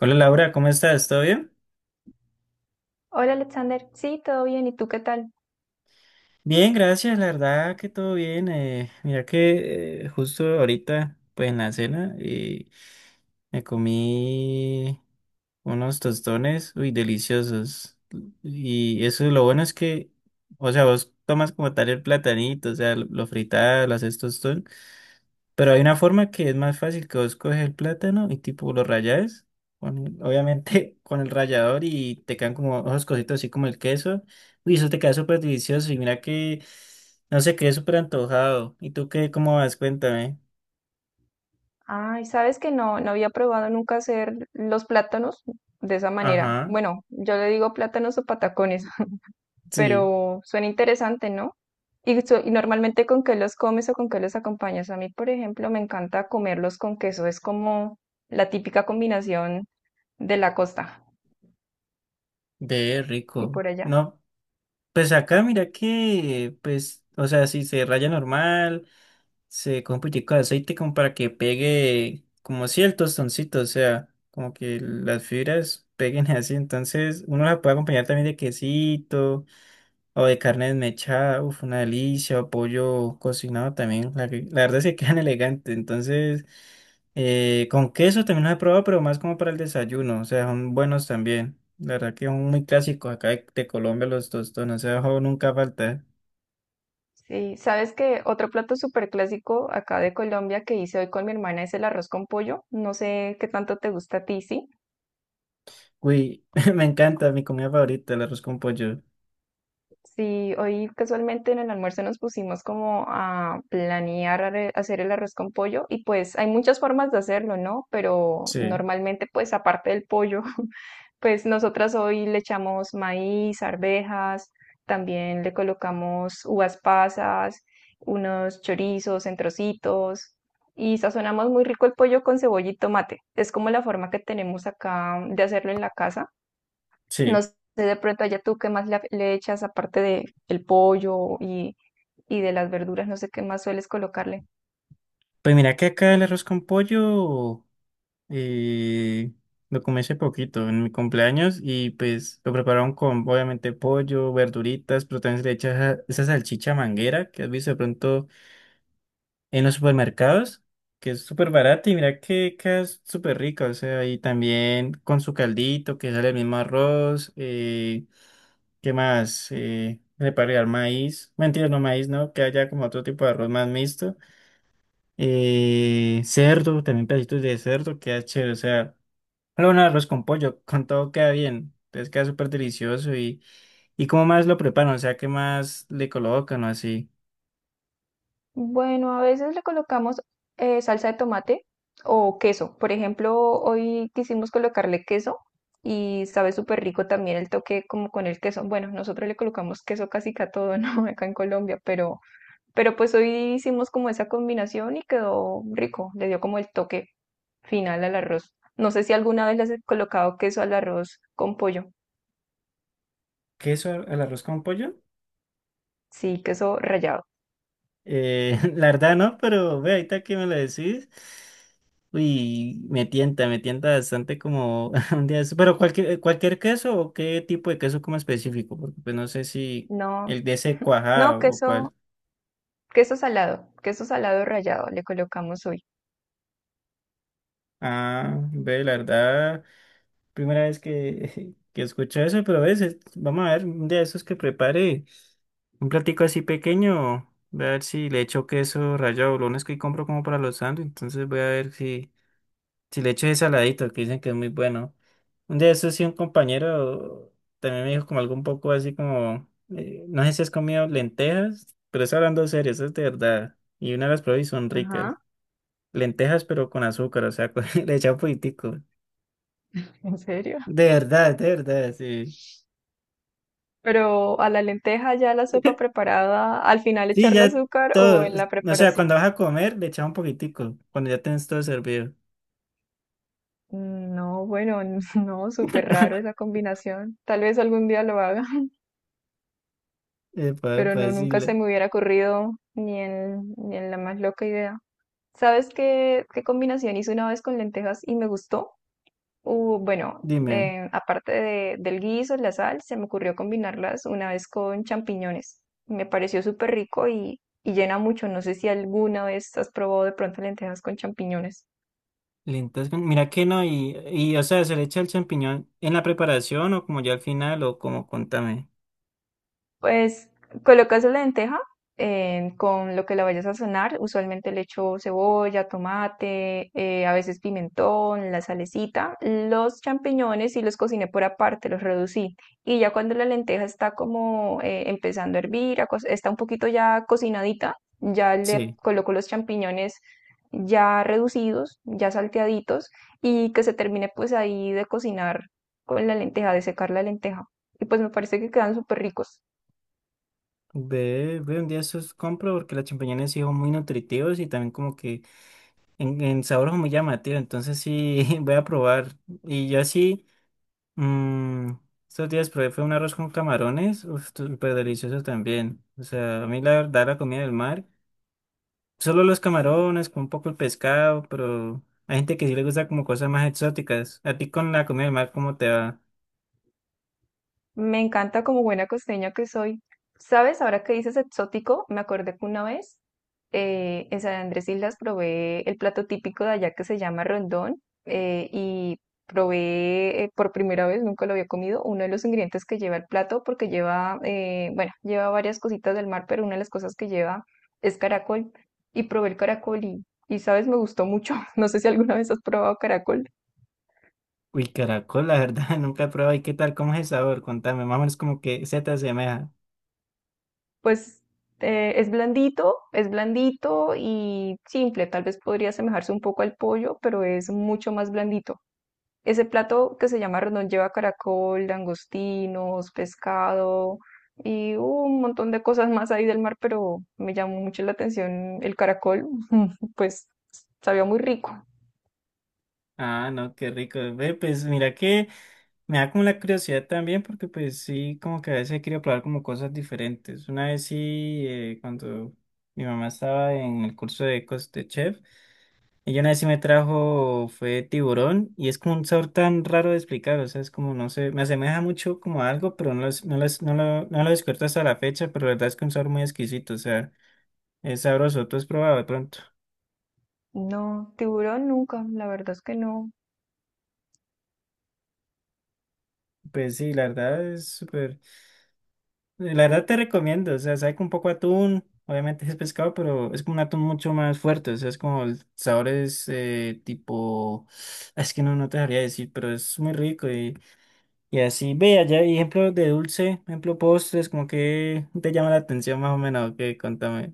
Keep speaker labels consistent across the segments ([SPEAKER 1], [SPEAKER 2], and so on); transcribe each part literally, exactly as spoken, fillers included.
[SPEAKER 1] Hola Laura, ¿cómo estás? ¿Todo bien?
[SPEAKER 2] Hola Alexander, sí, todo bien, ¿y tú qué tal?
[SPEAKER 1] Bien, gracias, la verdad que todo bien. Eh, mira que eh, justo ahorita, pues en la cena, eh, me comí unos tostones, uy, deliciosos. Y eso lo bueno es que, o sea, vos tomas como tal el platanito, o sea, lo, lo fritas, lo haces tostón. Pero hay una forma que es más fácil que vos coges el plátano y tipo lo rayas, con- obviamente con el rallador y te quedan como esos cositos así como el queso. Uy, eso te queda súper delicioso y mira que, no sé, quedé súper antojado. ¿Y tú qué, cómo vas? Cuéntame.
[SPEAKER 2] Ay, sabes que no, no había probado nunca hacer los plátanos de esa manera.
[SPEAKER 1] Ajá,
[SPEAKER 2] Bueno, yo le digo plátanos o patacones,
[SPEAKER 1] sí,
[SPEAKER 2] pero suena interesante, ¿no? Y, so- y normalmente con qué los comes o con qué los acompañas. A mí, por ejemplo, me encanta comerlos con queso, es como la típica combinación de la costa
[SPEAKER 1] ve
[SPEAKER 2] y
[SPEAKER 1] rico.
[SPEAKER 2] por allá.
[SPEAKER 1] No, pues acá mira que, pues, o sea, si se raya normal. Se coge un poquitico de aceite como para que pegue, como si el tostoncito, o sea, como que las fibras peguen así. Entonces, uno la puede acompañar también de quesito o de carne desmechada, uff, una delicia, o pollo cocinado también. La, que- la verdad es que quedan elegantes. Entonces, eh, con queso también los he probado, pero más como para el desayuno, o sea, son buenos también. La verdad que son muy clásicos acá de, de Colombia los tostones, o sea, ojo, nunca falta.
[SPEAKER 2] Sí, sabes que otro plato súper clásico acá de Colombia que hice hoy con mi hermana es el arroz con pollo. No sé qué tanto te gusta a ti, ¿sí?
[SPEAKER 1] Uy, me encanta mi comida favorita, el arroz con pollo.
[SPEAKER 2] Sí, hoy casualmente en el almuerzo nos pusimos como a planear are- hacer el arroz con pollo y pues hay muchas formas de hacerlo, ¿no? Pero
[SPEAKER 1] Sí,
[SPEAKER 2] normalmente pues aparte del pollo, pues nosotras hoy le echamos maíz, arvejas, también le colocamos uvas pasas, unos chorizos en trocitos y sazonamos muy rico el pollo con cebolla y tomate. Es como la forma que tenemos acá de hacerlo en la casa. No
[SPEAKER 1] sí.
[SPEAKER 2] sé, de pronto allá tú qué más le, le echas aparte de el pollo y, y de las verduras, no sé qué más sueles colocarle.
[SPEAKER 1] Pues mira que acá el arroz con pollo eh, lo comí hace poquito en mi cumpleaños y pues lo prepararon con obviamente pollo, verduritas, pero también se le echa esa, esa salchicha manguera que has visto de pronto en los supermercados, que es súper barata y mira que, que es súper rica, o sea, y también con su caldito que sale el mismo arroz, eh, ¿qué más? Eh, le puede agregar maíz, mentira, no maíz, ¿no? Que haya como otro tipo de arroz más mixto. Eh, cerdo, también pedacitos de cerdo, queda chévere. O sea, luego un arroz con pollo, con todo queda bien. Entonces queda súper delicioso. Y, ¿y cómo más lo preparan? O sea, ¿qué más le colocan o así?
[SPEAKER 2] Bueno, a veces le colocamos eh, salsa de tomate o queso. Por ejemplo, hoy quisimos colocarle queso y sabe súper rico también el toque como con el queso. Bueno, nosotros le colocamos queso casi que a todo, ¿no? Acá en Colombia, pero Pero pues hoy hicimos como esa combinación y quedó rico, le dio como el toque final al arroz. No sé si alguna vez le has colocado queso al arroz con pollo.
[SPEAKER 1] ¿Queso al al arroz con pollo?
[SPEAKER 2] Sí, queso rallado.
[SPEAKER 1] Eh, la verdad no, pero ve, ahorita que me lo decís. Uy, me tienta, me tienta bastante como un día de esto. Pero cualquier, cualquier queso o qué tipo de queso como específico, porque pues no sé si
[SPEAKER 2] No,
[SPEAKER 1] el de ese
[SPEAKER 2] no,
[SPEAKER 1] cuajado o
[SPEAKER 2] queso,
[SPEAKER 1] cuál.
[SPEAKER 2] queso salado, queso salado rallado le colocamos hoy.
[SPEAKER 1] Ah, ve, la verdad. Primera vez que, que escucho eso, pero a veces, vamos a ver, un día de esos que prepare un platico así pequeño, voy a ver si le echo queso rallado, lo único es que compro como para los sándwiches, entonces voy a ver si, si le echo ese saladito, que dicen que es muy bueno. Un día de esos sí un compañero también me dijo como algo un poco así como, eh, no sé si has comido lentejas, pero es hablando serio, eso es de verdad, y una las probé y son ricas,
[SPEAKER 2] Ajá,
[SPEAKER 1] lentejas pero con azúcar, o sea, le echan un poquitico,
[SPEAKER 2] ¿en serio?
[SPEAKER 1] de verdad, de verdad, sí.
[SPEAKER 2] Pero a la lenteja ya la sopa preparada, al final
[SPEAKER 1] Sí,
[SPEAKER 2] echarle
[SPEAKER 1] ya
[SPEAKER 2] azúcar o
[SPEAKER 1] todo.
[SPEAKER 2] en la
[SPEAKER 1] O sea, cuando
[SPEAKER 2] preparación.
[SPEAKER 1] vas a comer, le echas un poquitico. Cuando ya tienes todo servido.
[SPEAKER 2] Mm, No, bueno, no, súper raro esa combinación. Tal vez algún día lo haga.
[SPEAKER 1] Epa,
[SPEAKER 2] Pero
[SPEAKER 1] epa,
[SPEAKER 2] no,
[SPEAKER 1] sí,
[SPEAKER 2] nunca se
[SPEAKER 1] le-
[SPEAKER 2] me hubiera ocurrido ni en, ni en la más loca idea. ¿Sabes qué, qué combinación hice una vez con lentejas y me gustó? Uh, bueno,
[SPEAKER 1] Dime.
[SPEAKER 2] eh, aparte de- del guiso, la sal, se me ocurrió combinarlas una vez con champiñones. Me pareció súper rico y, y llena mucho. No sé si alguna vez has probado de pronto lentejas con champiñones.
[SPEAKER 1] Lentas con- Mira que no, y, y o sea, ¿se le echa el champiñón en la preparación o como ya al final o como contame?
[SPEAKER 2] Pues colocas la lenteja eh, con lo que la vayas a sazonar. Usualmente le echo cebolla, tomate, eh, a veces pimentón, la salecita. Los champiñones y los cociné por aparte, los reducí. Y ya cuando la lenteja está como eh, empezando a hervir, a co- está un poquito ya cocinadita, ya le
[SPEAKER 1] Sí.
[SPEAKER 2] coloco los champiñones ya reducidos, ya salteaditos y que se termine pues ahí de cocinar con la lenteja, de secar la lenteja. Y pues me parece que quedan súper ricos.
[SPEAKER 1] Ve, ve un día esos compro porque los champiñones sí son muy nutritivos y también como que en, en sabor son muy llamativos. Entonces sí, voy a probar. Y yo así. Mm, estos días probé fue un arroz con camarones, uf, súper delicioso también. O sea, a mí la verdad la comida del mar, solo los camarones, con un poco el pescado, pero hay gente que sí le gusta como cosas más exóticas. ¿A ti con la comida del mar cómo te va?
[SPEAKER 2] Me encanta como buena costeña que soy. ¿Sabes? Ahora que dices exótico, me acordé que una vez eh, en San Andrés Islas probé el plato típico de allá que se llama rondón eh, y probé eh, por primera vez, nunca lo había comido, uno de los ingredientes que lleva el plato porque lleva, eh, bueno, lleva varias cositas del mar, pero una de las cosas que lleva es caracol y probé el caracol y, y ¿sabes? Me gustó mucho. No sé si alguna vez has probado caracol.
[SPEAKER 1] Uy, caracol, la verdad, nunca he probado. ¿Y qué tal? ¿Cómo es el sabor? Contame, más o menos como que se te asemeja.
[SPEAKER 2] Pues eh, es blandito, es blandito y simple. Tal vez podría asemejarse un poco al pollo, pero es mucho más blandito. Ese plato que se llama rendón lleva caracol, langostinos, pescado y un montón de cosas más ahí del mar, pero me llamó mucho la atención el caracol, pues sabía muy rico.
[SPEAKER 1] Ah, no, qué rico. Ve, pues mira que me da como la curiosidad también, porque pues sí, como que a veces he querido probar como cosas diferentes. Una vez sí, eh, cuando mi mamá estaba en el curso de, cos- de chef, ella una vez sí me trajo, fue tiburón, y es como un sabor tan raro de explicar, o sea, es como, no sé, me asemeja mucho como a algo, pero no, lo es- no, lo es- no, lo, no lo descubierto hasta la fecha, pero la verdad es que un sabor muy exquisito, o sea, es sabroso, tú has probado de pronto.
[SPEAKER 2] No, tiburón nunca, la verdad es que no.
[SPEAKER 1] Pues sí, la verdad es súper. Eh, La verdad te recomiendo, o sea, sabe con un poco de atún, obviamente es pescado, pero es como un atún mucho más fuerte, o sea, es como el sabor es eh, tipo, es que no, no te sabría decir, pero es muy rico y, y así, ve, allá hay ejemplos de dulce, ejemplo postres, como que te llama la atención más o menos, que contame.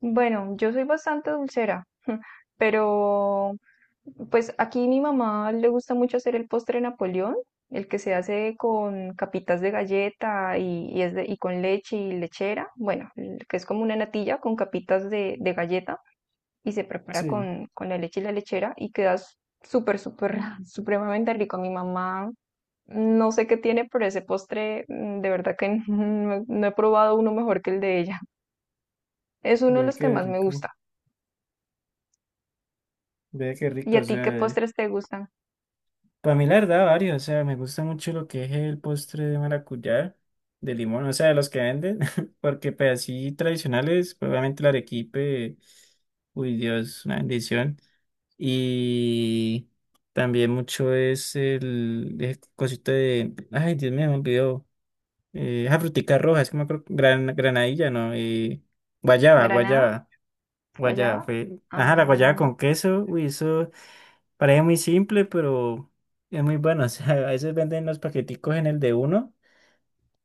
[SPEAKER 2] Bueno, yo soy bastante dulcera, pero pues aquí mi mamá le gusta mucho hacer el postre Napoleón, el que se hace con capitas de galleta y, y es de- y con leche y lechera, bueno, el que es como una natilla con capitas de, de galleta y se prepara
[SPEAKER 1] Sí,
[SPEAKER 2] con, con la leche y la lechera y queda s- súper, súper, supremamente rico. Mi mamá no sé qué tiene, pero ese postre mm, de verdad que no no he probado uno mejor que el de ella. Es uno de
[SPEAKER 1] ve
[SPEAKER 2] los que
[SPEAKER 1] qué
[SPEAKER 2] más me
[SPEAKER 1] rico,
[SPEAKER 2] gusta.
[SPEAKER 1] ve qué
[SPEAKER 2] ¿Y
[SPEAKER 1] rico, o
[SPEAKER 2] a ti qué
[SPEAKER 1] sea.
[SPEAKER 2] postres te gustan?
[SPEAKER 1] Para mí, la verdad, varios. O sea, me gusta mucho lo que es el postre de maracuyá, de limón, o sea, de los que venden, porque pues así tradicionales, pues, obviamente el arequipe, uy Dios, una bendición. Y también mucho es el, el cosito de, ay Dios mío, me olvidó, eh, esa frutica roja, es que me acuerdo, gran, granadilla, ¿no? Eh, guayaba,
[SPEAKER 2] ¿Granada?
[SPEAKER 1] guayaba, guayaba,
[SPEAKER 2] ¿Guayaba?
[SPEAKER 1] fue, ajá, la guayaba
[SPEAKER 2] Ah,
[SPEAKER 1] con queso, uy, eso. Parece muy simple, pero es muy bueno. O sea, a veces venden los paqueticos en el de uno,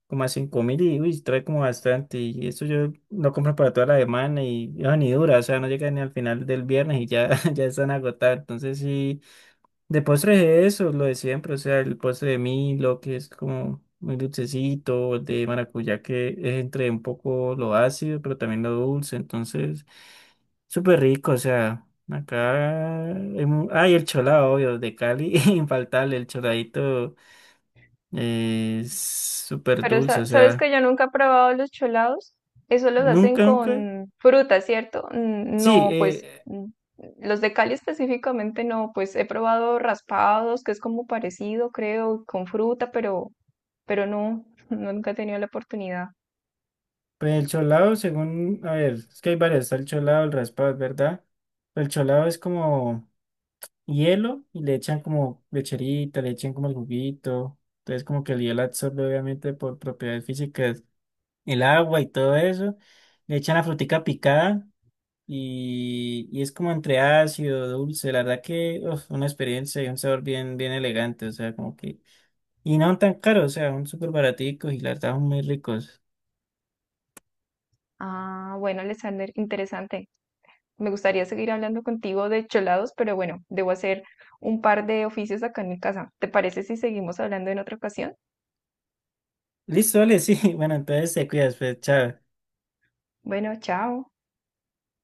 [SPEAKER 1] como a cinco mil y uy, trae como bastante. Y eso yo lo compro para toda la semana y eso ni dura. O sea, no llega ni al final del viernes y ya, ya están agotados. Entonces sí, de postres es eso, lo de siempre, o sea, el postre de Milo, que es como muy dulcecito, el de maracuyá, que es entre un poco lo ácido, pero también lo dulce, entonces, súper rico, o sea, acá, hay mu- ah, y el cholado, obvio, de Cali, infaltable, el choladito eh, es súper
[SPEAKER 2] pero
[SPEAKER 1] dulce,
[SPEAKER 2] sa-
[SPEAKER 1] o
[SPEAKER 2] sabes
[SPEAKER 1] sea,
[SPEAKER 2] que yo nunca he probado los cholados. Eso los hacen
[SPEAKER 1] nunca, nunca,
[SPEAKER 2] con fruta, ¿cierto? Mm.
[SPEAKER 1] sí,
[SPEAKER 2] No, pues
[SPEAKER 1] eh,
[SPEAKER 2] mm, los de Cali específicamente no, pues he probado raspados, que es como parecido, creo, con fruta, pero, pero no, nunca he tenido la oportunidad.
[SPEAKER 1] pues el cholado, según, a ver, es que hay varios, está el cholado, el raspado, es ¿verdad? El cholado es como... hielo y le echan como lecherita, le echan como el juguito. Entonces como que el hielo absorbe obviamente por propiedades físicas el agua y todo eso. Le echan la frutica picada y, y es como entre ácido, dulce. La verdad que uf, una experiencia y un sabor bien, bien elegante. O sea, como que... Y no tan caro, o sea, son súper baraticos y la verdad son muy ricos.
[SPEAKER 2] Ah, bueno, Alexander, interesante. Me gustaría seguir hablando contigo de cholados, pero bueno, debo hacer un par de oficios acá en mi casa. ¿Te parece si seguimos hablando en otra ocasión?
[SPEAKER 1] Listo, vale, sí. Bueno, entonces te cuidas, pues, chao.
[SPEAKER 2] Bueno, chao.